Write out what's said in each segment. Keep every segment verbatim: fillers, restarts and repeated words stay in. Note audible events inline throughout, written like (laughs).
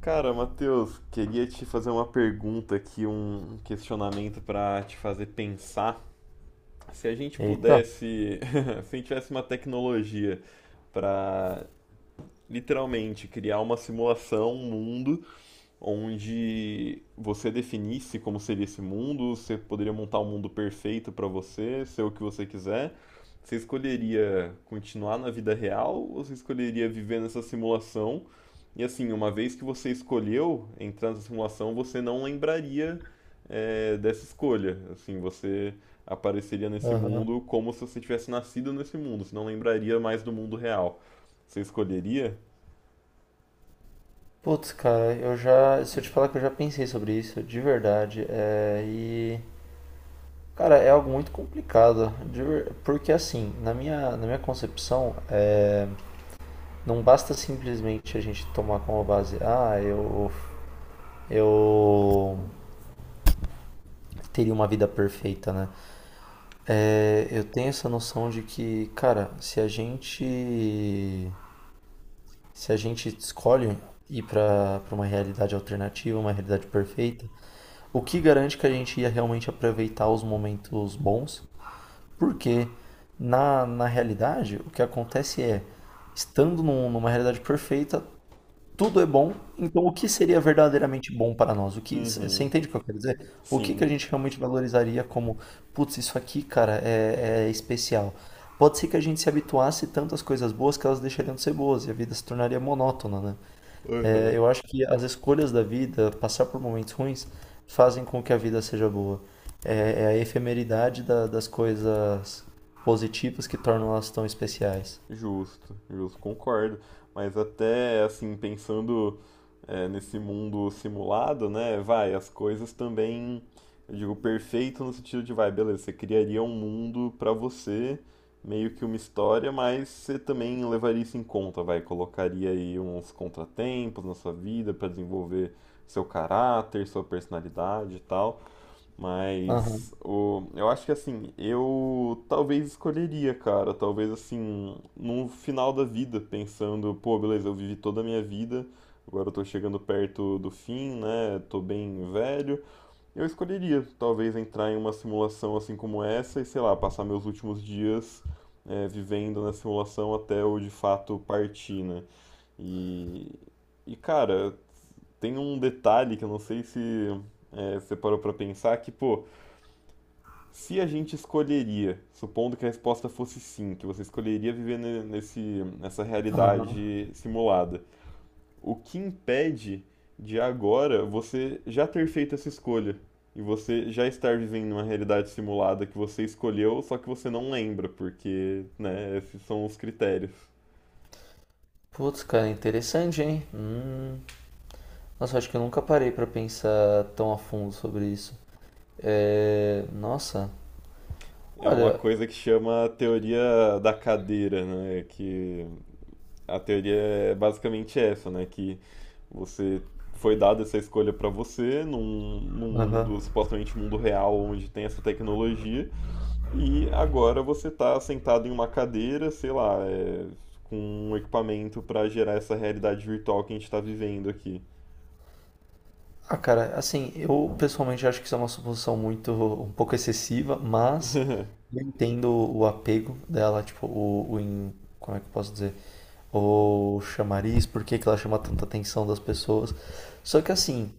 Cara, Matheus, queria te fazer uma pergunta aqui, um questionamento para te fazer pensar. Se a gente Eita. pudesse, (laughs) se a gente tivesse uma tecnologia para literalmente criar uma simulação, um mundo onde você definisse como seria esse mundo, você poderia montar um mundo perfeito para você, ser o que você quiser. Você escolheria continuar na vida real ou você escolheria viver nessa simulação? E assim, uma vez que você escolheu entrar nessa simulação, você não lembraria, eh, dessa escolha. Assim, você apareceria nesse Aham. mundo como se você tivesse nascido nesse mundo, você não lembraria mais do mundo real. Você escolheria? Putz, cara, eu já. Se eu te falar que eu já pensei sobre isso, de verdade. É, e. Cara, é algo muito complicado. De ver- porque, assim, na minha, na minha concepção, é, não basta simplesmente a gente tomar como base, ah, eu. Eu teria uma vida perfeita, né? É, eu tenho essa noção de que, cara, se a gente. Se a gente escolhe ir para para uma realidade alternativa, uma realidade perfeita. O que garante que a gente ia realmente aproveitar os momentos bons? Porque na, na realidade o que acontece é, estando num- numa realidade perfeita, tudo é bom, então o que seria verdadeiramente bom para nós? O que, você Uhum, entende o que eu quero dizer? O que que sim. a gente realmente valorizaria como, putz, isso aqui, cara, é, é especial. Pode ser que a gente se habituasse tanto às coisas boas que elas deixariam de ser boas e a vida se tornaria monótona, né? É, Uhum. eu acho que as escolhas da vida, passar por momentos ruins, fazem com que a vida seja boa. É, é a efemeridade da- das coisas positivas que tornam elas tão especiais. Justo, justo, concordo. Mas até assim, pensando é, nesse mundo simulado, né? Vai, as coisas também, eu digo, perfeito no sentido de, vai, beleza, você criaria um mundo pra você, meio que uma história, mas você também levaria isso em conta, vai, colocaria aí uns contratempos na sua vida pra desenvolver seu caráter, sua personalidade e tal. Aham, Mas o, eu acho que assim, eu talvez escolheria, cara, talvez assim, no final da vida, pensando, pô, beleza, eu vivi toda a minha vida, agora eu tô chegando perto do fim, né? Tô bem velho. Eu escolheria, talvez, entrar em uma simulação assim como essa e, sei lá, passar meus últimos dias é, vivendo na simulação até eu de fato partir, né? E, e cara, tem um detalhe que eu não sei se é, você parou pra pensar, que, pô. Se a gente escolheria, supondo que a resposta fosse sim, que você escolheria viver ne- nesse, nessa aham. realidade simulada, o que impede de agora você já ter feito essa escolha? E você já estar vivendo uma realidade simulada que você escolheu, só que você não lembra, porque, né, esses são os critérios. Putz, cara, interessante, hein? Hum. Nossa, acho que eu nunca parei pra pensar tão a fundo sobre isso. É... Nossa, É uma olha. coisa que chama a teoria da cadeira, né? Que a teoria é basicamente essa, né? Que você foi dada essa escolha para você num, num Aham. mundo, supostamente um mundo real, onde tem essa tecnologia, e agora você está sentado em uma cadeira, sei lá, é, com um equipamento para gerar essa realidade virtual que a gente está vivendo aqui. Ah, cara, assim, eu pessoalmente acho que isso é uma suposição muito, um pouco excessiva, mas (laughs) eu entendo o apego dela, tipo, o, o in- como é que eu posso dizer? O chamariz, por que que ela chama tanta atenção das pessoas. Só que assim,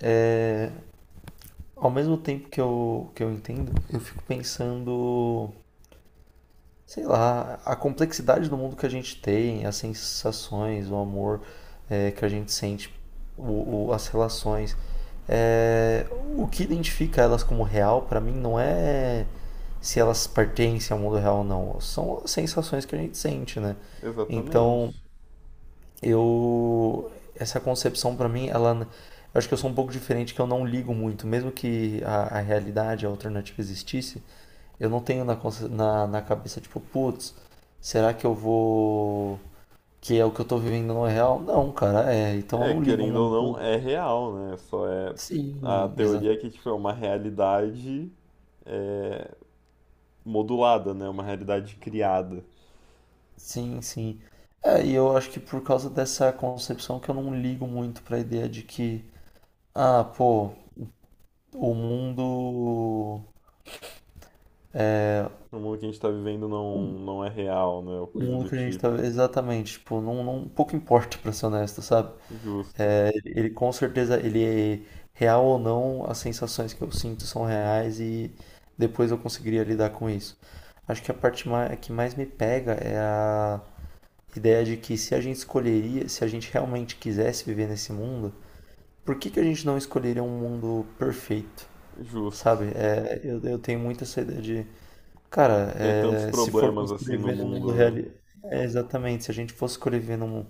é, ao mesmo tempo que eu, que eu entendo, eu fico pensando, sei lá, a complexidade do mundo que a gente tem, as sensações, o amor, é, que a gente sente, o, o- as relações, é, o que identifica elas como real, para mim, não é se elas pertencem ao mundo real ou não, são as sensações que a gente sente, né? Exatamente. Então, eu, essa concepção para mim, ela, eu acho que eu sou um pouco diferente, que eu não ligo muito, mesmo que a, a realidade, a alternativa existisse, eu não tenho na, consci- na, na cabeça, tipo, putz, será que eu vou. Que é o que eu tô vivendo não é real? Não, cara, é. Então eu É, não ligo querendo ou muito. não, é real, né? Só é a Sim, exa... teoria é que tipo é uma realidade é, modulada, né? Uma realidade criada. sim, sim. É, e eu acho que por causa dessa concepção que eu não ligo muito pra ideia de que, ah, pô, o mundo. O mundo que a gente está vivendo não, não é real, né? Ou O coisa mundo do que a gente tá. tipo. Exatamente, tipo, não, não, pouco importa, pra ser honesto, sabe? Justo, É, ele ele com certeza, ele é real ou não, as sensações que eu sinto são reais e depois eu conseguiria lidar com isso. Acho que a parte ma- que mais me pega é a ideia de que, se a gente escolheria, se a gente realmente quisesse viver nesse mundo, por que que a gente não escolheria um mundo perfeito? Sabe? justo. É, eu, eu tenho muito essa ideia de. Cara, Ter tantos é, se for pra problemas assim no escrever no mundo mundo, real, né? é, exatamente, se a gente fosse escolher viver num-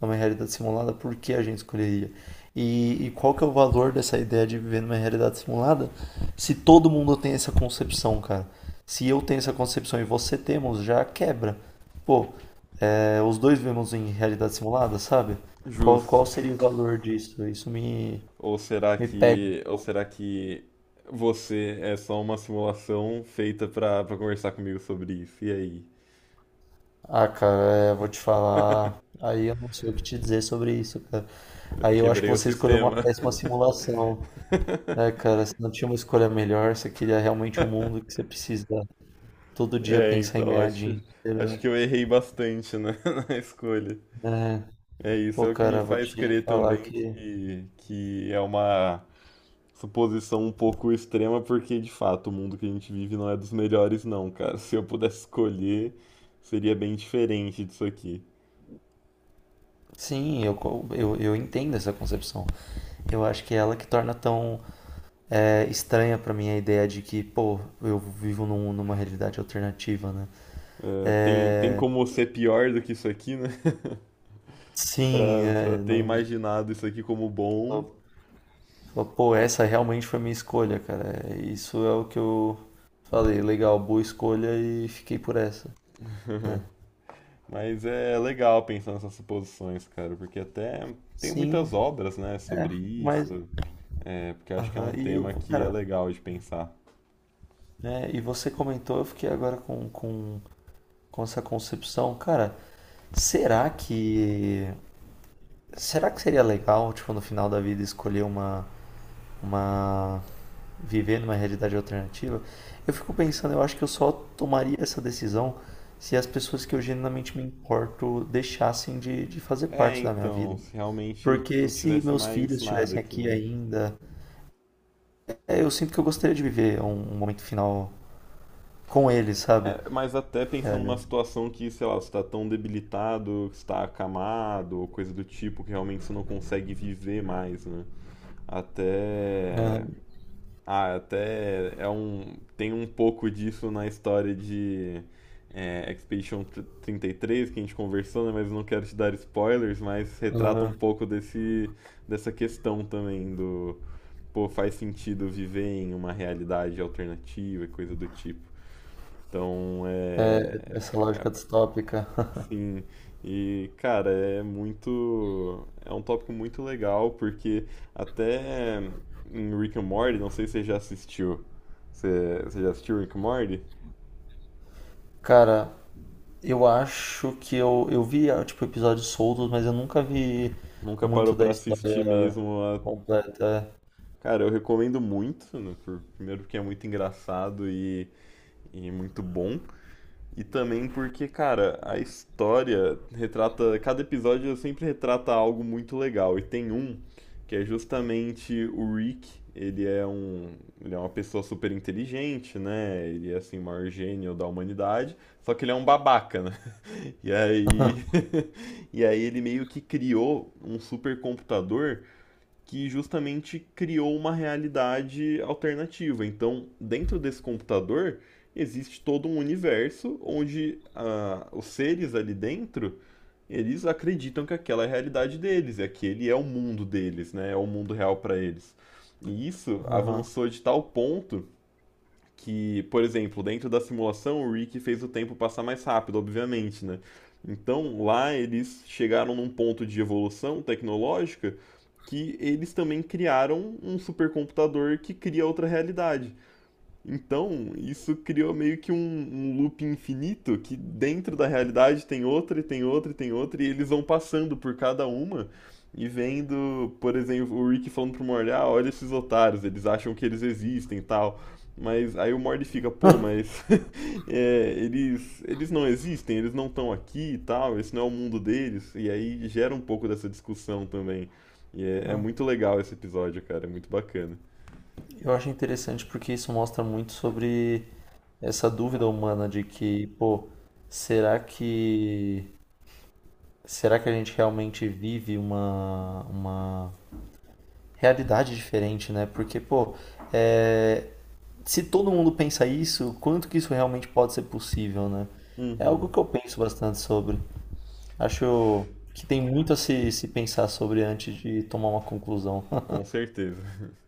numa realidade simulada, por que a gente escolheria? E, e qual que é o valor dessa ideia de viver numa realidade simulada se todo mundo tem essa concepção, cara? Se eu tenho essa concepção e você temos, já quebra. Pô, é, os dois vivemos em realidade simulada, sabe? Qual, Justo. qual seria o valor disso? Isso me, Ou será me pega. que, ou será que você é só uma simulação feita pra, pra conversar comigo sobre isso? E aí? Ah, cara, é, vou te falar. (laughs) Aí eu não sei o que te dizer sobre isso, cara. Eu Aí eu acho que quebrei o você escolheu sistema. uma péssima simulação, né, (laughs) cara? Você não tinha uma escolha melhor, você queria realmente um mundo que você precisa todo dia É, pensar em então ganhar acho, dinheiro, acho que eu errei bastante na, (laughs) na escolha. né? É isso, Pô, é o que me cara, vou faz te crer falar também que. que, que é uma suposição um pouco extrema, porque de fato o mundo que a gente vive não é dos melhores, não, cara. Se eu pudesse escolher, seria bem diferente disso aqui. Sim, eu, co- eu, eu entendo essa concepção. Eu acho que é ela que torna tão é, estranha pra mim a ideia de que, pô, eu vivo num- numa realidade alternativa, né? É, tem, tem como ser pior do que isso aqui, né? (laughs) Sim, Pra, é, pra ter não. imaginado isso aqui como bom. Falou, pô, essa realmente foi minha escolha, cara. Isso é o que eu falei, legal, boa escolha e fiquei por essa. É. (laughs) Mas é legal pensar nessas suposições, cara, porque até tem Sim, muitas obras, né, é, sobre mas. isso. É, porque acho que é um Aham, e eu, tema que é cara, legal de pensar. né, e você comentou, eu fiquei agora com, com, com essa concepção, cara, será que. Será que seria legal, tipo, no final da vida, escolher uma, uma viver numa realidade alternativa, eu fico pensando, eu acho que eu só tomaria essa decisão se as pessoas que eu genuinamente me importo deixassem de, de fazer É, parte da minha então, vida. se realmente Porque não se tivesse meus mais filhos nada estivessem aqui, aqui né? ainda, é, eu sinto que eu gostaria de viver um, um momento final com eles, sabe? É, mas até pensando numa É, situação que, sei lá, você está tão debilitado, que está acamado, ou coisa do tipo, que realmente você não consegue viver mais, né? Até. Ah, até é um. Tem um pouco disso na história de é, Expedition tr- trinta e três que a gente conversou, né? Mas eu não quero te dar spoilers, mas retrata um aham, pouco desse, dessa questão também do. Pô, faz sentido viver em uma realidade alternativa e coisa do tipo. Então, é. essa lógica distópica. (laughs) Sim, e cara, é muito. É um tópico muito legal, porque até em Rick and Morty, não sei se você já assistiu. Você, você já assistiu Rick and Morty? Cara, eu acho que eu, eu vi, ah, tipo, episódios soltos, mas eu nunca vi Nunca parou muito da pra assistir história mesmo a. completa. Cara, eu recomendo muito, né, por- primeiro porque é muito engraçado e, e muito bom. E também porque, cara, a história retrata. Cada episódio sempre retrata algo muito legal. E tem um que é justamente o Rick. Ele é um, ele é uma pessoa super inteligente, né? Ele é assim o maior gênio da humanidade, só que ele é um babaca, né? E aí (laughs) e aí ele meio que criou um supercomputador que justamente criou uma realidade alternativa. Então, dentro desse computador, existe todo um universo onde ah, os seres ali dentro eles acreditam que aquela é a realidade deles, e aquele é o mundo deles, né? É o mundo real para eles. E isso Aham. avançou de tal ponto que, por exemplo, dentro da simulação, o Rick fez o tempo passar mais rápido, obviamente, né? Então, lá eles chegaram num ponto de evolução tecnológica que eles também criaram um supercomputador que cria outra realidade. Então, isso criou meio que um, um loop infinito que dentro da realidade tem outra e tem outra e tem outra, e eles vão passando por cada uma e vendo, por exemplo, o Rick falando pro Morty, ah, olha esses otários, eles acham que eles existem e tal. Mas aí o Morty fica, pô, mas (laughs) é, eles, eles não existem, eles não estão aqui e tal, esse não é o mundo deles. E aí gera um pouco dessa discussão também. E é, é muito legal esse episódio, cara, é muito bacana. Eu acho interessante porque isso mostra muito sobre essa dúvida humana de que, pô, será que será que a gente realmente vive uma uma realidade diferente, né? Porque, pô, é, se todo mundo pensa isso, quanto que isso realmente pode ser possível, né? É algo Uhum, que eu penso bastante sobre. Acho que tem muito a se, se pensar sobre antes de tomar uma conclusão. com certeza. (laughs)